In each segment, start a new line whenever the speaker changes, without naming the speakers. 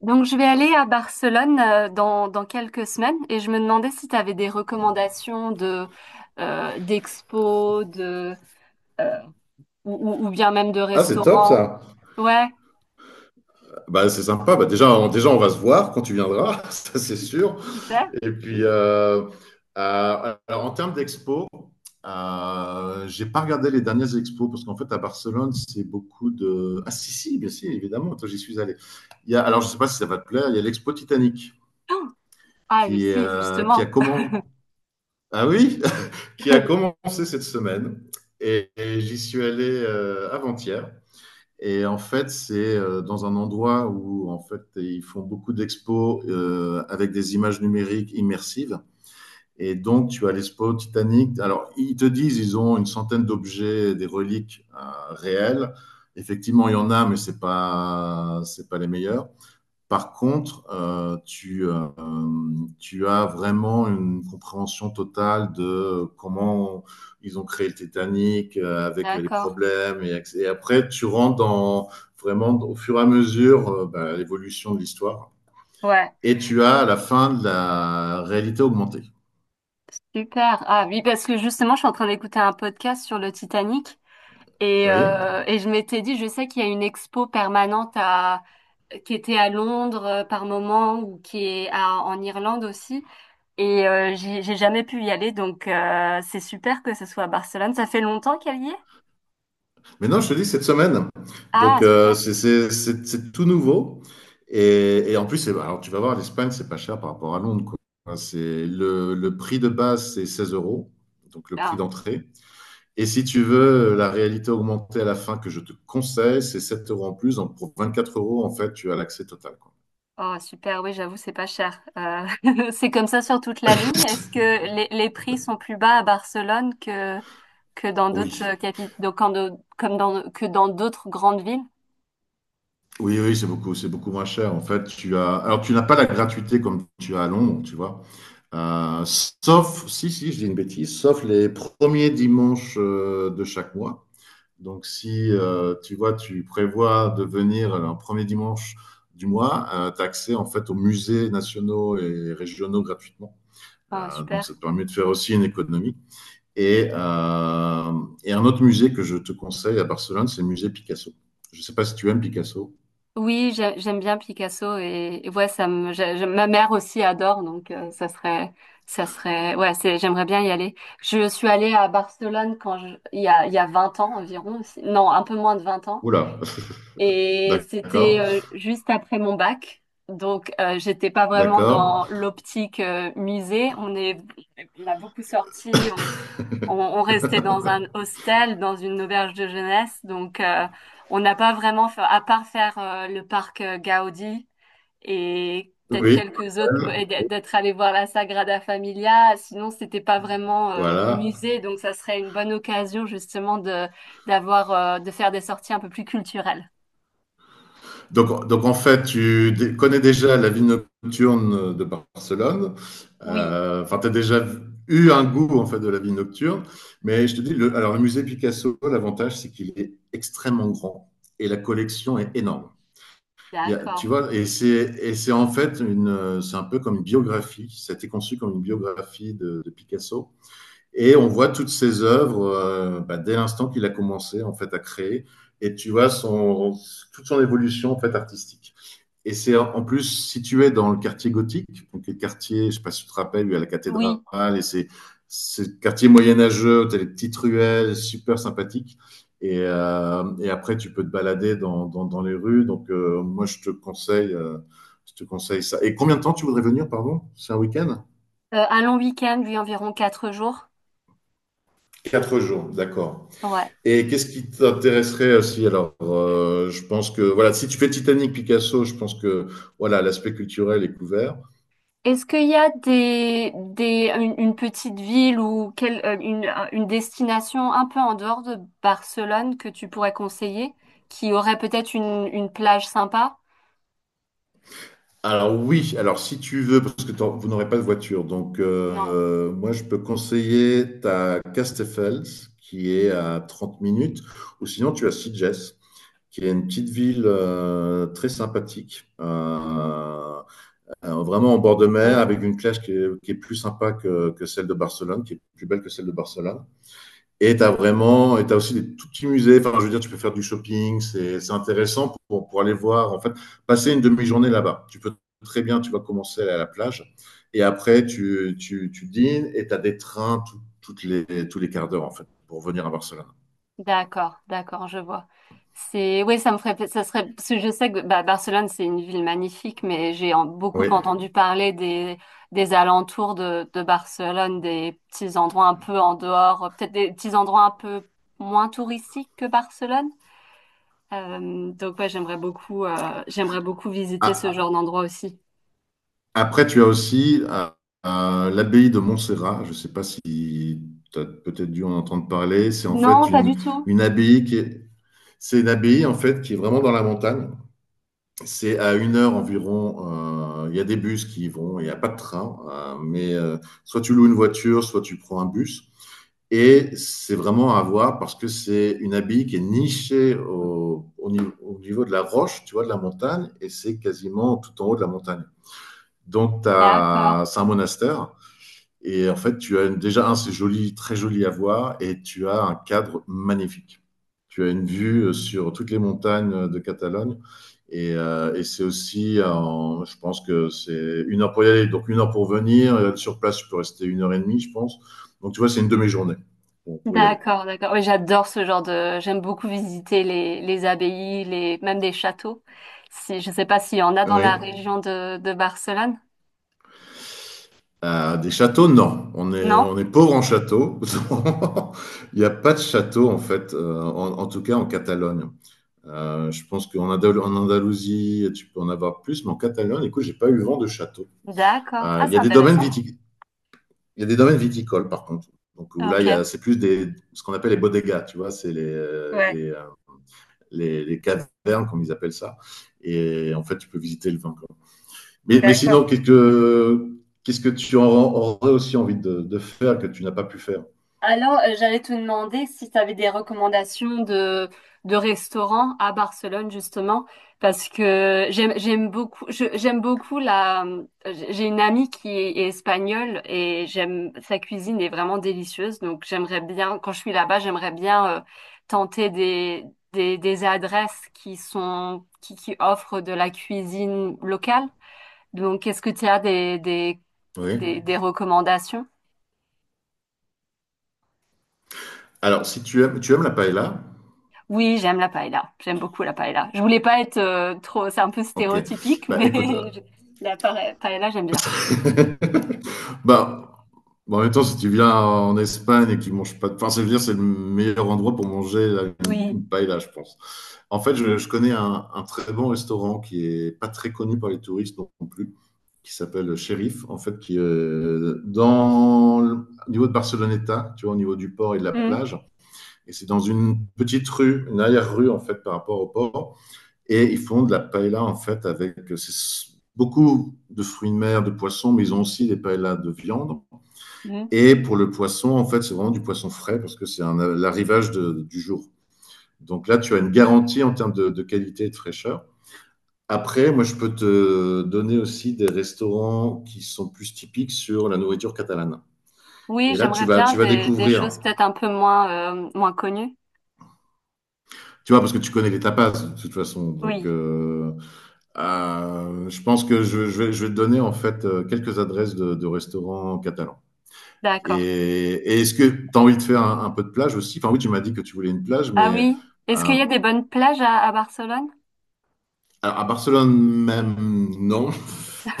Donc, je vais aller à Barcelone dans quelques semaines et je me demandais si tu avais des recommandations de d'expos, de euh, ou, ou bien même de
Ah, c'est top
restaurants.
ça.
Ouais,
Bah, c'est sympa. Bah, déjà, déjà, on va se voir quand tu viendras, ça c'est sûr.
super.
Et puis, alors, en termes d'expo, j'ai pas regardé les dernières expos parce qu'en fait, à Barcelone, c'est beaucoup de. Ah, si, si, bien sûr, évidemment. Toi, j'y suis allé. Il y a, alors, je sais pas si ça va te plaire. Il y a l'expo Titanic
Ah,
qui,
si,
euh, qui a
justement.
commencé. Ah oui, qui a commencé cette semaine. Et j'y suis allé avant-hier. Et en fait, c'est dans un endroit où en fait ils font beaucoup d'expos avec des images numériques immersives. Et donc, tu as l'expo Titanic. Alors, ils te disent, ils ont une centaine d'objets, des reliques réelles. Effectivement, il y en a, mais c'est pas les meilleurs. Par contre, tu as vraiment une compréhension totale de comment ils ont créé le Titanic avec les
D'accord.
problèmes. Et après, tu rentres dans vraiment au fur et à mesure bah, l'évolution de l'histoire.
Ouais,
Et tu as à la fin de la réalité augmentée.
super. Ah oui, parce que justement, je suis en train d'écouter un podcast sur le Titanic
Oui.
et je m'étais dit, je sais qu'il y a une expo permanente à, qui était à Londres par moment ou qui est en Irlande aussi. Et j'ai jamais pu y aller, donc c'est super que ce soit à Barcelone. Ça fait longtemps qu'elle y est?
Mais non, je te dis, cette semaine.
Ah,
Donc,
super.
c'est tout nouveau. Et en plus, alors, tu vas voir, l'Espagne, c'est pas cher par rapport à Londres, quoi. Enfin, c'est le prix de base, c'est 16 euros, donc le prix
Ah,
d'entrée. Et si tu veux la réalité augmentée à la fin que je te conseille, c'est 7 € en plus. Donc, pour quatre euros, en fait, tu as l'accès total, quoi.
oh, super, oui, j'avoue, c'est pas cher. C'est comme ça sur toute la ligne. Est-ce que les prix sont plus bas à Barcelone que dans
Oui,
d'autres capitales, comme dans, que dans d'autres grandes villes?
oui, oui, c'est beaucoup moins cher. En fait, alors tu n'as pas la gratuité comme tu as à Londres, tu vois. Sauf, si je dis une bêtise, sauf les premiers dimanches de chaque mois. Donc, si tu vois, tu prévois de venir un premier dimanche du mois, tu as accès en fait aux musées nationaux et régionaux gratuitement.
Ah,
Donc,
super.
ça te permet de faire aussi une économie. Et, euh, et un autre musée que je te conseille à Barcelone, c'est le musée Picasso. Je ne sais pas si tu aimes Picasso.
Oui, j'aime bien Picasso et ouais, ça me, ma mère aussi adore, donc ça serait, ouais, c'est, j'aimerais bien y aller. Je suis allée à Barcelone quand je, il y a 20 ans environ, aussi. Non, un peu moins de 20 ans,
Oula,
et c'était
d'accord,
juste après mon bac, donc j'étais pas vraiment
d'accord.
dans l'optique musée. On est, on a beaucoup sorti, on restait dans un hostel, dans une auberge de jeunesse, donc on n'a pas vraiment fait, à part faire le parc Gaudi et peut-être
Oui,
quelques autres, et d'être allé voir la Sagrada Familia, sinon c'était pas vraiment
voilà.
musée, donc ça serait une bonne occasion justement de d'avoir de faire des sorties un peu plus culturelles.
Donc, en fait, tu connais déjà la vie nocturne de Barcelone.
Oui,
Enfin, tu as déjà eu un goût en fait de la vie nocturne. Mais je te dis, alors le musée Picasso, l'avantage, c'est qu'il est extrêmement grand et la collection est énorme. Il y a,
d'accord.
tu vois, et c'est en fait c'est un peu comme une biographie. Ça a été conçu comme une biographie de Picasso. Et on voit toutes ses œuvres bah, dès l'instant qu'il a commencé en fait à créer. Et tu vois toute son évolution en fait artistique. Et c'est en plus situé dans le quartier gothique, donc le quartier, je sais pas si tu te rappelles, il y a la
Oui,
cathédrale et c'est quartier moyenâgeux, tu as les petites ruelles, super sympathique. Et après, tu peux te balader dans les rues. Donc, moi, je te conseille ça. Et combien de temps tu voudrais venir, pardon? C'est un week-end?
Un long week-end, oui, environ 4 jours.
4 jours, d'accord.
Ouais.
Et qu'est-ce qui t'intéresserait aussi. Alors, je pense que voilà, si tu fais Titanic, Picasso, je pense que voilà, l'aspect culturel est couvert.
Est-ce qu'il y a des, une petite ville ou quelle, une, une destination un peu en dehors de Barcelone que tu pourrais conseiller, qui aurait peut-être une plage sympa?
Alors oui, alors si tu veux, parce que vous n'aurez pas de voiture, donc
Non.
moi je peux conseiller ta Castells qui est à 30 minutes, ou sinon tu as Sitges, qui est une petite ville très sympathique, vraiment en bord de mer,
Hmm.
avec une plage qui est plus sympa que celle de Barcelone, qui est plus belle que celle de Barcelone. Et tu as aussi des tout petits musées. Enfin, je veux dire, tu peux faire du shopping, c'est intéressant pour aller voir, en fait, passer une demi-journée là-bas. Tu peux très bien, tu vas commencer à la plage, et après, tu dînes, et tu as des trains tous les quarts d'heure, en fait, pour venir à Barcelone.
D'accord, d'accord, je vois. C'est, oui, ça me ferait, ça serait, parce que je sais que bah, Barcelone, c'est une ville magnifique, mais beaucoup
Oui.
entendu parler des alentours de Barcelone, des petits endroits un peu en dehors, peut-être des petits endroits un peu moins touristiques que Barcelone. Donc ouais, j'aimerais beaucoup visiter ce
Ah,
genre d'endroit aussi.
après, tu as aussi l'abbaye de Montserrat. Je ne sais pas si tu as peut-être dû en entendre parler. C'est en fait
Non, pas
une,
du tout.
une abbaye c'est une abbaye, en fait, qui est vraiment dans la montagne. C'est à 1 heure environ. Il y a des bus qui y vont, il n'y a pas de train, mais soit tu loues une voiture, soit tu prends un bus. Et c'est vraiment à voir parce que c'est une abbaye qui est nichée au niveau de la roche, tu vois, de la montagne, et c'est quasiment tout en haut de la montagne. Donc,
D'accord.
c'est un monastère et en fait, déjà un, c'est joli, très joli à voir, et tu as un cadre magnifique. Tu as une vue sur toutes les montagnes de Catalogne, et c'est aussi, je pense que c'est 1 heure pour y aller, donc 1 heure pour venir. Sur place, tu peux rester 1 h 30, je pense. Donc tu vois, c'est une demi-journée pour y aller.
D'accord, d'accord. Oui, j'adore ce genre de. J'aime beaucoup visiter les abbayes, les même des châteaux. Si je sais pas s'il y en a dans la
Oui.
région de Barcelone.
Des châteaux, non. On est,
Non?
on est pauvre en châteaux. Il n'y a pas de château, en fait, en tout cas en Catalogne. Je pense qu'en Andalousie, tu peux en avoir plus, mais en Catalogne, écoute, j'ai pas eu vent de château.
D'accord. Ah,
Il y
c'est
a des domaines
intéressant.
viticoles. Il y a des domaines viticoles, par contre. Donc, où là,
Ok.
c'est plus ce qu'on appelle les bodegas, tu vois, c'est les, euh,
Ouais,
les, euh, les, les cavernes, comme ils appellent ça. Et en fait, tu peux visiter le vin, quoi. Mais
d'accord.
sinon, qu'est-ce que aurais aussi envie de faire que tu n'as pas pu faire?
Alors, j'allais te demander si tu avais des recommandations de restaurants à Barcelone, justement, parce que j'aime, j'aime beaucoup, j'aime beaucoup la, j'ai une amie qui est, est espagnole et j'aime, sa cuisine est vraiment délicieuse, donc j'aimerais bien, quand je suis là-bas, j'aimerais bien tenter des adresses qui sont, qui offrent de la cuisine locale. Donc, est-ce que tu as
Oui.
des recommandations?
Alors, si tu aimes, tu aimes la paella,
Oui, j'aime la paella. J'aime beaucoup la paella. Je voulais pas être trop, c'est un peu
ok.
stéréotypique,
Bah,
mais
écoute,
paella, j'aime bien.
bah, en même temps, si tu viens en Espagne et que tu manges pas de pain, c'est dire c'est le meilleur endroit pour manger la- une,
Oui.
une paella, je pense. En fait, je connais un très bon restaurant qui est pas très connu par les touristes non plus, qui s'appelle Sheriff, en fait, qui est dans le, au niveau de Barceloneta, tu vois, au niveau du port et de la
Mm,
plage. Et c'est dans une petite rue, une arrière-rue, en fait, par rapport au port. Et ils font de la paella en fait avec beaucoup de fruits de mer, de poissons, mais ils ont aussi des paellas de viande.
mm.
Et pour le poisson, en fait, c'est vraiment du poisson frais parce que c'est l'arrivage du jour. Donc là, tu as une garantie en termes de qualité et de fraîcheur. Après, moi, je peux te donner aussi des restaurants qui sont plus typiques sur la nourriture catalane.
Oui,
Et là, tu
j'aimerais
vas,
bien
tu vas
des
découvrir.
choses peut-être un peu moins moins connues.
Tu vois, parce que tu connais les tapas de toute façon. Donc,
Oui,
je pense que je vais, te donner en fait quelques adresses de restaurants catalans. Et,
d'accord.
et est-ce que tu as envie de faire un peu de plage aussi? Enfin oui, tu m'as dit que tu voulais une plage,
Ah
mais
oui. Est-ce qu'il
euh,
y a des bonnes plages à Barcelone?
alors, à Barcelone même, non.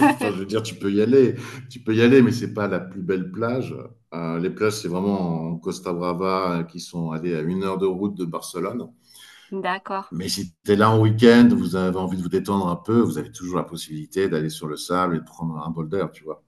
Enfin, je veux dire, tu peux y aller, mais c'est pas la plus belle plage. Les plages, c'est vraiment en Costa Brava qui sont allées à 1 heure de route de Barcelone.
D'accord.
Mais si tu es là en week-end, vous avez envie de vous détendre un peu, vous avez toujours la possibilité d'aller sur le sable et de prendre un bol d'air, tu vois.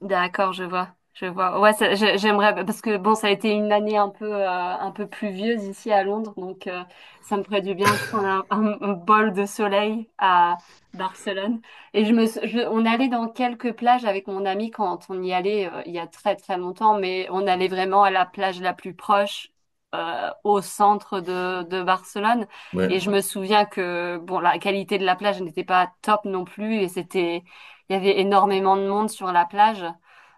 D'accord, je vois, je vois. Ouais, j'aimerais parce que bon, ça a été une année un peu pluvieuse ici à Londres, donc ça me ferait du bien de prendre un, un bol de soleil à Barcelone. Et je me, on allait dans quelques plages avec mon ami quand on y allait il y a très très longtemps, mais on allait vraiment à la plage la plus proche. Au centre de Barcelone
Ouais.
et je me souviens que bon la qualité de la plage n'était pas top non plus et c'était il y avait énormément de monde sur la plage.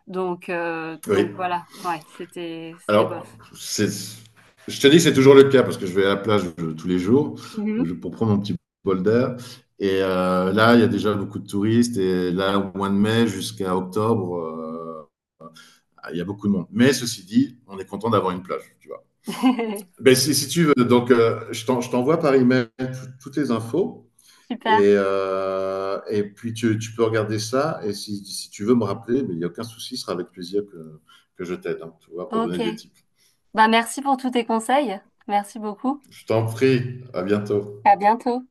Donc
Oui.
voilà, ouais, c'était, c'était
Alors,
bof.
je te dis que c'est toujours le cas parce que je vais à la plage tous les jours
Mhm.
pour prendre mon petit bol d'air. Et là, il y a déjà beaucoup de touristes. Et là, au mois de mai jusqu'à octobre, il y a beaucoup de monde. Mais ceci dit, on est content d'avoir une plage, tu vois. Ben, si tu veux, donc, je t'envoie par email toutes les infos. Et,
Super.
euh, et puis, tu peux regarder ça. Et si tu veux me rappeler, ben, il n'y a aucun souci, ce sera avec plaisir que je t'aide, hein, tu vois, pour donner
Ok.
des tips.
Bah, merci pour tous tes conseils. Merci beaucoup.
Je t'en prie. À bientôt.
À bientôt.